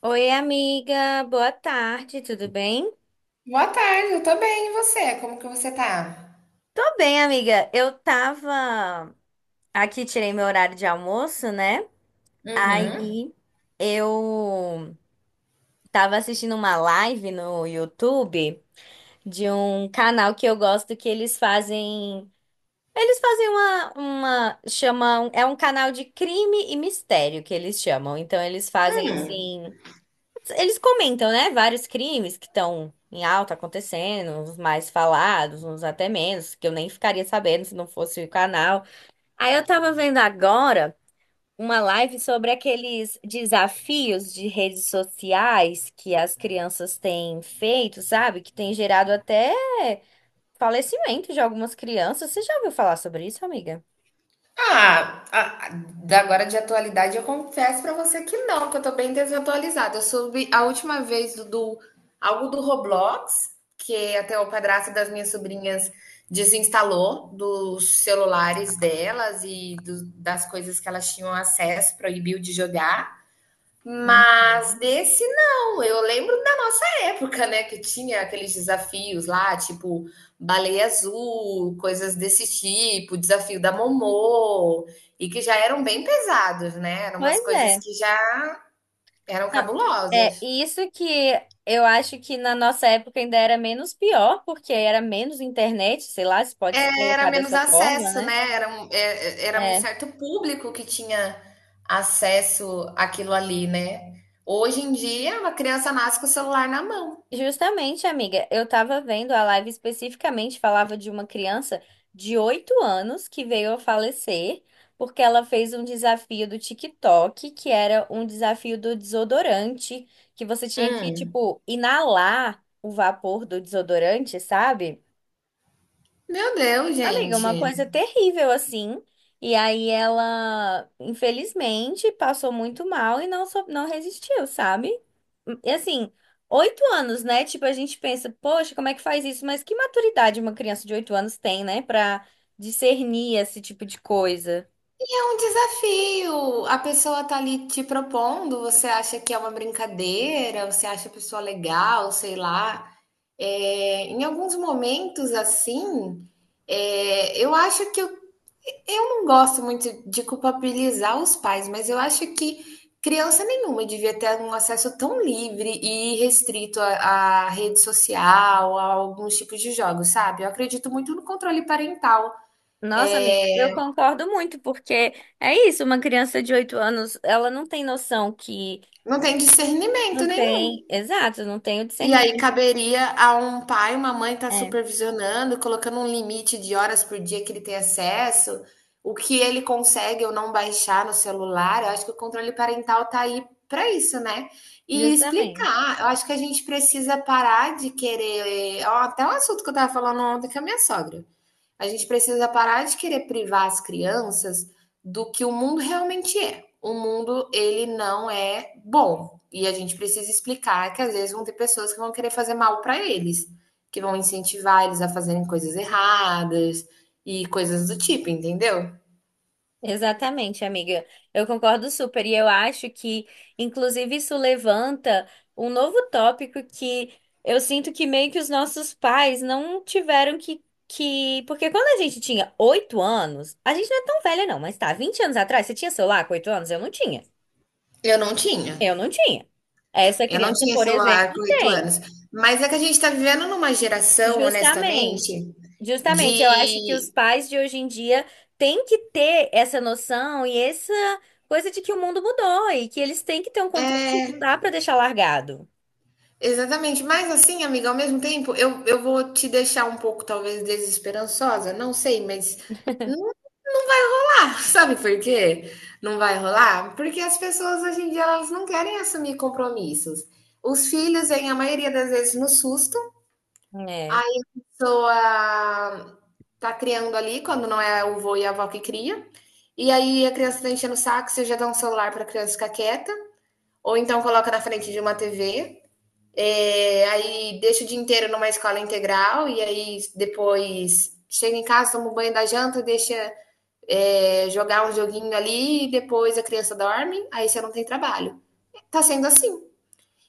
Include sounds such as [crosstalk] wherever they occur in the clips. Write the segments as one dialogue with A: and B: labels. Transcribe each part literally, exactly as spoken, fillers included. A: Oi, amiga, boa tarde, tudo bem?
B: Boa tarde, eu tô bem, e você? Como que você tá?
A: Tô bem, amiga. Eu tava aqui, tirei meu horário de almoço, né?
B: Uhum.
A: Aí eu tava assistindo uma live no YouTube de um canal que eu gosto que eles fazem. Eles fazem uma, uma, chamam, é um canal de crime e mistério que eles chamam. Então eles fazem
B: Hum.
A: assim. Eles comentam, né, vários crimes que estão em alta acontecendo, uns mais falados, uns até menos, que eu nem ficaria sabendo se não fosse o canal. Aí eu tava vendo agora uma live sobre aqueles desafios de redes sociais que as crianças têm feito, sabe? Que tem gerado até falecimento de algumas crianças. Você já ouviu falar sobre isso, amiga?
B: Ah, a- a- da- agora de atualidade eu confesso pra você que não, que eu tô bem desatualizada. Eu soube a última vez do, do- algo do Roblox, que até o padrasto das minhas sobrinhas desinstalou dos celulares delas e do- das coisas que elas tinham acesso, proibiu de jogar. Mas
A: Uhum.
B: desse não, eu lembro da nossa época, né, que tinha aqueles desafios lá, tipo baleia azul, coisas desse tipo, desafio da Momô, e que já eram bem pesados, né? Eram umas
A: Pois
B: coisas
A: é.
B: que já eram
A: Não, é
B: cabulosas.
A: isso que eu acho que na nossa época ainda era menos pior, porque era menos internet, sei lá, se pode se
B: Era
A: colocar
B: menos
A: dessa forma,
B: acesso,
A: né?
B: né? Era um, é- é- era um
A: É,
B: certo público que tinha acesso àquilo ali, né? Hoje em dia, uma criança nasce com o celular na mão.
A: justamente, amiga, eu tava vendo a live especificamente, falava de uma criança de oito anos que veio a falecer porque ela fez um desafio do TikTok, que era um desafio do desodorante, que você tinha que,
B: Hum.
A: tipo, inalar o vapor do desodorante, sabe?
B: Meu Deus,
A: Amiga, uma
B: gente.
A: coisa terrível assim. E aí ela, infelizmente, passou muito mal e não, so- não resistiu, sabe? E assim, oito anos, né? Tipo, a gente pensa, poxa, como é que faz isso? Mas que maturidade uma criança de oito anos tem, né? Pra discernir esse tipo de coisa.
B: E é um desafio. A pessoa tá ali te propondo, você acha que é uma brincadeira, você acha a pessoa legal, sei lá. É, em alguns momentos, assim, é, eu acho que eu, eu não gosto muito de culpabilizar os pais, mas eu acho que criança nenhuma devia ter um acesso tão livre e restrito à, à rede social, a alguns tipos de jogos, sabe? Eu acredito muito no controle parental.
A: Nossa, amiga, eu concordo muito, porque é isso, uma criança de oito anos, ela não tem noção que
B: Não tem discernimento,
A: não
B: né?
A: tem, exato, não tem o
B: E aí
A: discernimento.
B: caberia a um pai, uma mãe estar
A: É,
B: supervisionando, colocando um limite de horas por dia que ele tem acesso, o que ele consegue ou não baixar no celular. Eu acho que o controle parental está aí para isso, né? E
A: justamente.
B: explicar. Eu acho que a gente precisa parar de querer. Ó, até um assunto que eu estava falando ontem com a minha sogra. A gente precisa parar de querer privar as crianças do que o mundo realmente é. O mundo, ele não é bom. E a gente precisa explicar que às vezes vão ter pessoas que vão querer fazer mal para eles, que vão incentivar eles a fazerem coisas erradas e coisas do tipo, entendeu?
A: Exatamente, amiga. Eu concordo super. E eu acho que, inclusive, isso levanta um novo tópico que eu sinto que meio que os nossos pais não tiveram que, que... Porque quando a gente tinha oito anos, a gente não é tão velha, não, mas tá, vinte anos atrás, você tinha celular com oito anos? Eu não tinha.
B: Eu não tinha.
A: Eu não tinha. Essa
B: Eu não
A: criança,
B: tinha
A: por exemplo,
B: celular com oito
A: tem.
B: anos. Mas é que a gente está vivendo numa geração,
A: Justamente,
B: honestamente,
A: justamente, eu acho que
B: de
A: os pais de hoje em dia têm que ter essa noção e essa coisa de que o mundo mudou e que eles têm que ter um controle, não dá para deixar largado.
B: Exatamente, mas assim, amiga, ao mesmo tempo, eu, eu vou te deixar um pouco, talvez, desesperançosa, não sei, mas não dá, [laughs] sabe por quê? Não vai rolar? Porque as pessoas hoje em dia elas não querem assumir compromissos. Os filhos vêm, a maioria das vezes, no susto,
A: É.
B: aí a pessoa tá criando ali, quando não é o vô e a avó que cria, e aí a criança tá enchendo o saco, você já dá um celular pra criança ficar quieta, ou então coloca na frente de uma T V. É, aí deixo o dia inteiro numa escola integral e aí depois chega em casa, toma um banho da janta, deixa é, jogar um joguinho ali e depois a criança dorme, aí você não tem trabalho. Tá sendo assim.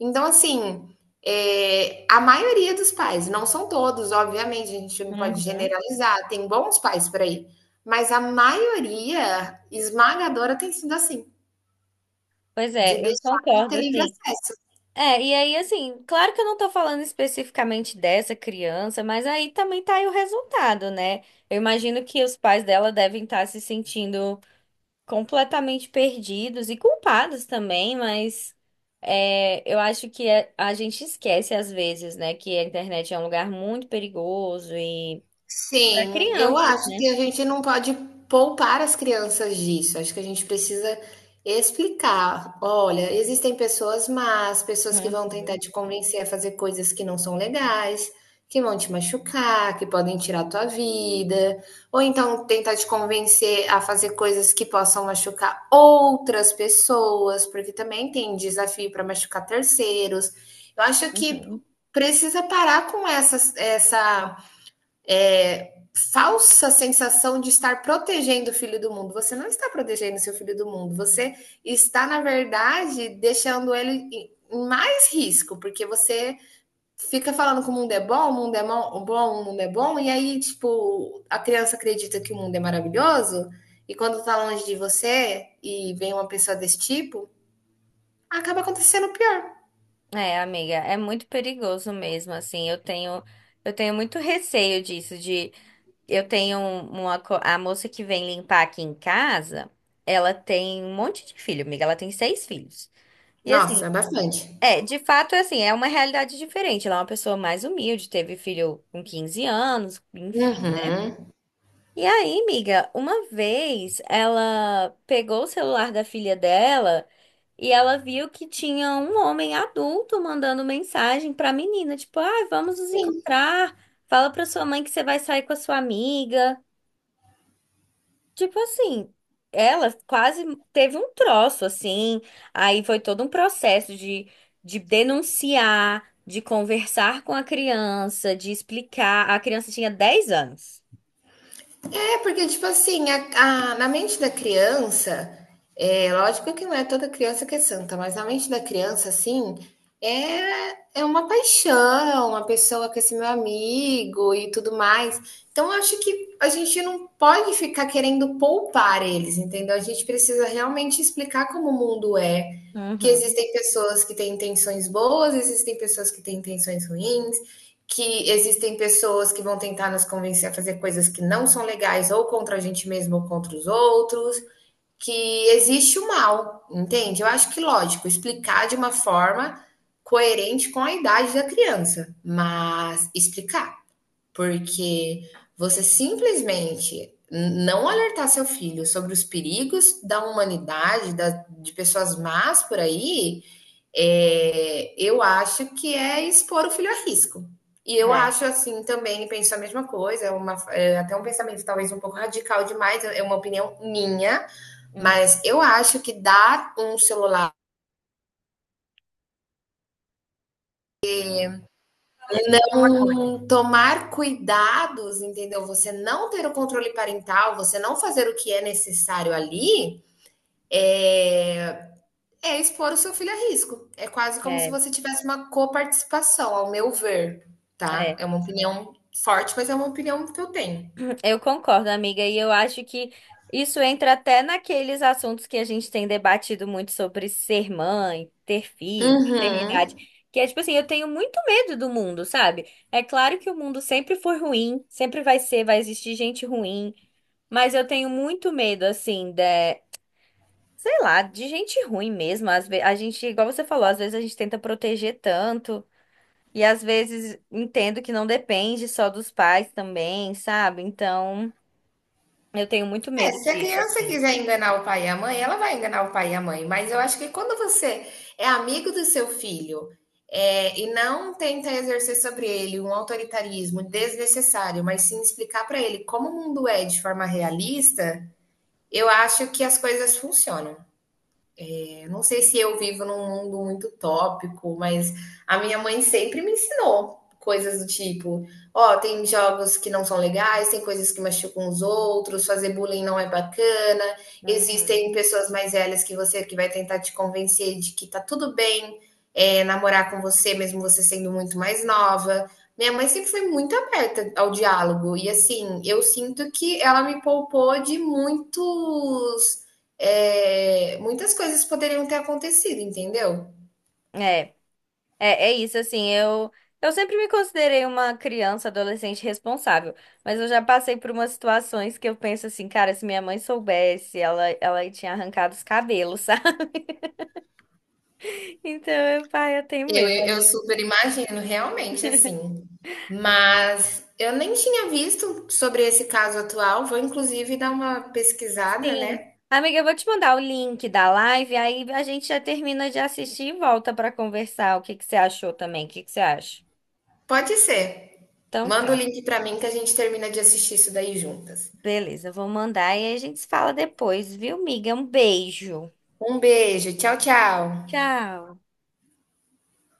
B: Então, assim, é, a maioria dos pais, não são todos, obviamente, a gente não pode
A: Uhum.
B: generalizar, tem bons pais por aí, mas a maioria esmagadora tem sido assim,
A: Pois
B: de
A: é, eu
B: deixar
A: concordo,
B: ter livre
A: assim.
B: acesso.
A: É, e aí, assim, claro que eu não tô falando especificamente dessa criança, mas aí também tá aí o resultado, né? Eu imagino que os pais dela devem estar se sentindo completamente perdidos e culpados também, mas é, eu acho que é- a gente esquece às vezes, né, que a internet é um lugar muito perigoso e para
B: Sim, eu
A: crianças,
B: acho
A: né?
B: que a gente não pode poupar as crianças disso. Acho que a gente precisa explicar. Olha, existem pessoas más, pessoas que
A: Uhum,
B: vão tentar te convencer a fazer coisas que não são legais, que vão te machucar, que podem tirar a tua vida, ou então tentar te convencer a fazer coisas que possam machucar outras pessoas, porque também tem desafio para machucar terceiros. Eu acho que
A: uhum.
B: precisa parar com essas, essa é, falsa sensação de estar protegendo o filho do mundo. Você não está protegendo seu filho do mundo, você está, na verdade, deixando ele em mais risco, porque você fica falando que o mundo é bom, o mundo é bom, o mundo é bom, e aí, tipo, a criança acredita que o mundo é maravilhoso, e quando tá longe de você e vem uma pessoa desse tipo, acaba acontecendo pior.
A: É, amiga, é muito perigoso mesmo, assim, eu tenho eu tenho muito receio disso de eu tenho uma co- A moça que vem limpar aqui em casa, ela tem um monte de filho, amiga, ela tem seis filhos. E assim,
B: Nossa, bastante.
A: é, de fato, é assim, é uma realidade diferente. Ela é uma pessoa mais humilde, teve filho com quinze anos, enfim, né?
B: Uhum.
A: E aí, amiga, uma vez ela pegou o celular da filha dela e ela viu que tinha um homem adulto mandando mensagem pra menina, tipo, ah, vamos nos
B: Sim.
A: encontrar. Fala pra sua mãe que você vai sair com a sua amiga. Tipo assim, ela quase teve um troço, assim. Aí foi todo um processo de, de, denunciar, de conversar com a criança, de explicar. A criança tinha dez anos.
B: É, porque, tipo assim, a, a- na mente da criança, é, lógico que não é toda criança que é santa, mas na mente da criança, assim, é, é uma paixão, uma pessoa que é esse meu amigo e tudo mais. Então, eu acho que a gente não pode ficar querendo poupar eles, entendeu? A gente precisa realmente explicar como o mundo é, que
A: Uhum.
B: existem pessoas que têm intenções boas, existem pessoas que têm intenções ruins que existem pessoas que vão tentar nos convencer a fazer coisas que não são legais, ou contra a gente mesmo, ou contra os outros, que existe o mal, entende? Eu acho que, lógico, explicar de uma forma coerente com a idade da criança, mas explicar, porque você simplesmente não alertar seu filho sobre os perigos da humanidade, da, de pessoas más por aí, é, eu acho que é expor o filho a risco. E eu
A: É,
B: acho assim também, penso a mesma coisa, é uma, é até um pensamento talvez um pouco radical demais, é uma opinião minha,
A: hum,
B: mas eu acho que dar um celular, um, tomar cuidados, entendeu? Você não ter o controle parental, você não fazer o que é necessário ali, é, É expor o seu filho a risco. É quase como se
A: é,
B: você tivesse uma coparticipação, ao meu ver, tá?
A: é.
B: É uma opinião forte, mas é uma opinião que eu tenho.
A: Eu concordo, amiga, e eu acho que isso entra até naqueles assuntos que a gente tem debatido muito sobre ser mãe, ter filho, maternidade,
B: Uhum.
A: que é tipo assim, eu tenho muito medo do mundo, sabe? É claro que o mundo sempre foi ruim, sempre vai ser, vai existir gente ruim, mas eu tenho muito medo, assim, de, sei lá, de gente ruim mesmo. Às vezes, a gente, igual você falou, às vezes a gente tenta proteger tanto, e às vezes entendo que não depende só dos pais também, sabe? Então. Eu tenho muito
B: É,
A: medo
B: se a
A: disso,
B: criança
A: assim.
B: quiser enganar o pai e a mãe, ela vai enganar o pai e a mãe. Mas eu acho que quando você é amigo do seu filho, é, e não tenta exercer sobre ele um autoritarismo desnecessário, mas sim explicar para ele como o mundo é de forma realista, eu acho que as coisas funcionam. É, não sei se eu vivo num mundo muito tópico, mas a minha mãe sempre me ensinou coisas do tipo: ó, tem jogos que não são legais, tem coisas que machucam os outros, fazer bullying não é bacana,
A: Uhum.
B: existem pessoas mais velhas que você que vai tentar te convencer de que tá tudo bem é, namorar com você, mesmo você sendo muito mais nova. Minha mãe sempre foi muito aberta ao diálogo, e assim, eu sinto que ela me poupou de muitos é, muitas coisas poderiam ter acontecido, entendeu?
A: É, é, é isso, assim, eu, eu sempre me considerei uma criança, adolescente responsável, mas eu já passei por umas situações que eu penso assim, cara, se minha mãe soubesse, ela, ela tinha arrancado os cabelos, [laughs] sabe? Então, eu, pai, eu tenho
B: Eu,
A: medo,
B: eu
A: amiga.
B: super imagino, realmente, assim. Mas eu nem tinha visto sobre esse caso atual. Vou, inclusive, dar uma pesquisada,
A: Sim.
B: né?
A: Amiga, eu vou te mandar o link da live, aí a gente já termina de assistir e volta pra conversar. O que que você achou também? O que que você acha?
B: Pode ser.
A: Então
B: Manda o
A: tá.
B: link para mim que a gente termina de assistir isso daí juntas.
A: Beleza, vou mandar e aí a gente se fala depois, viu, miga? Um beijo.
B: Um beijo. Tchau, tchau.
A: Tchau.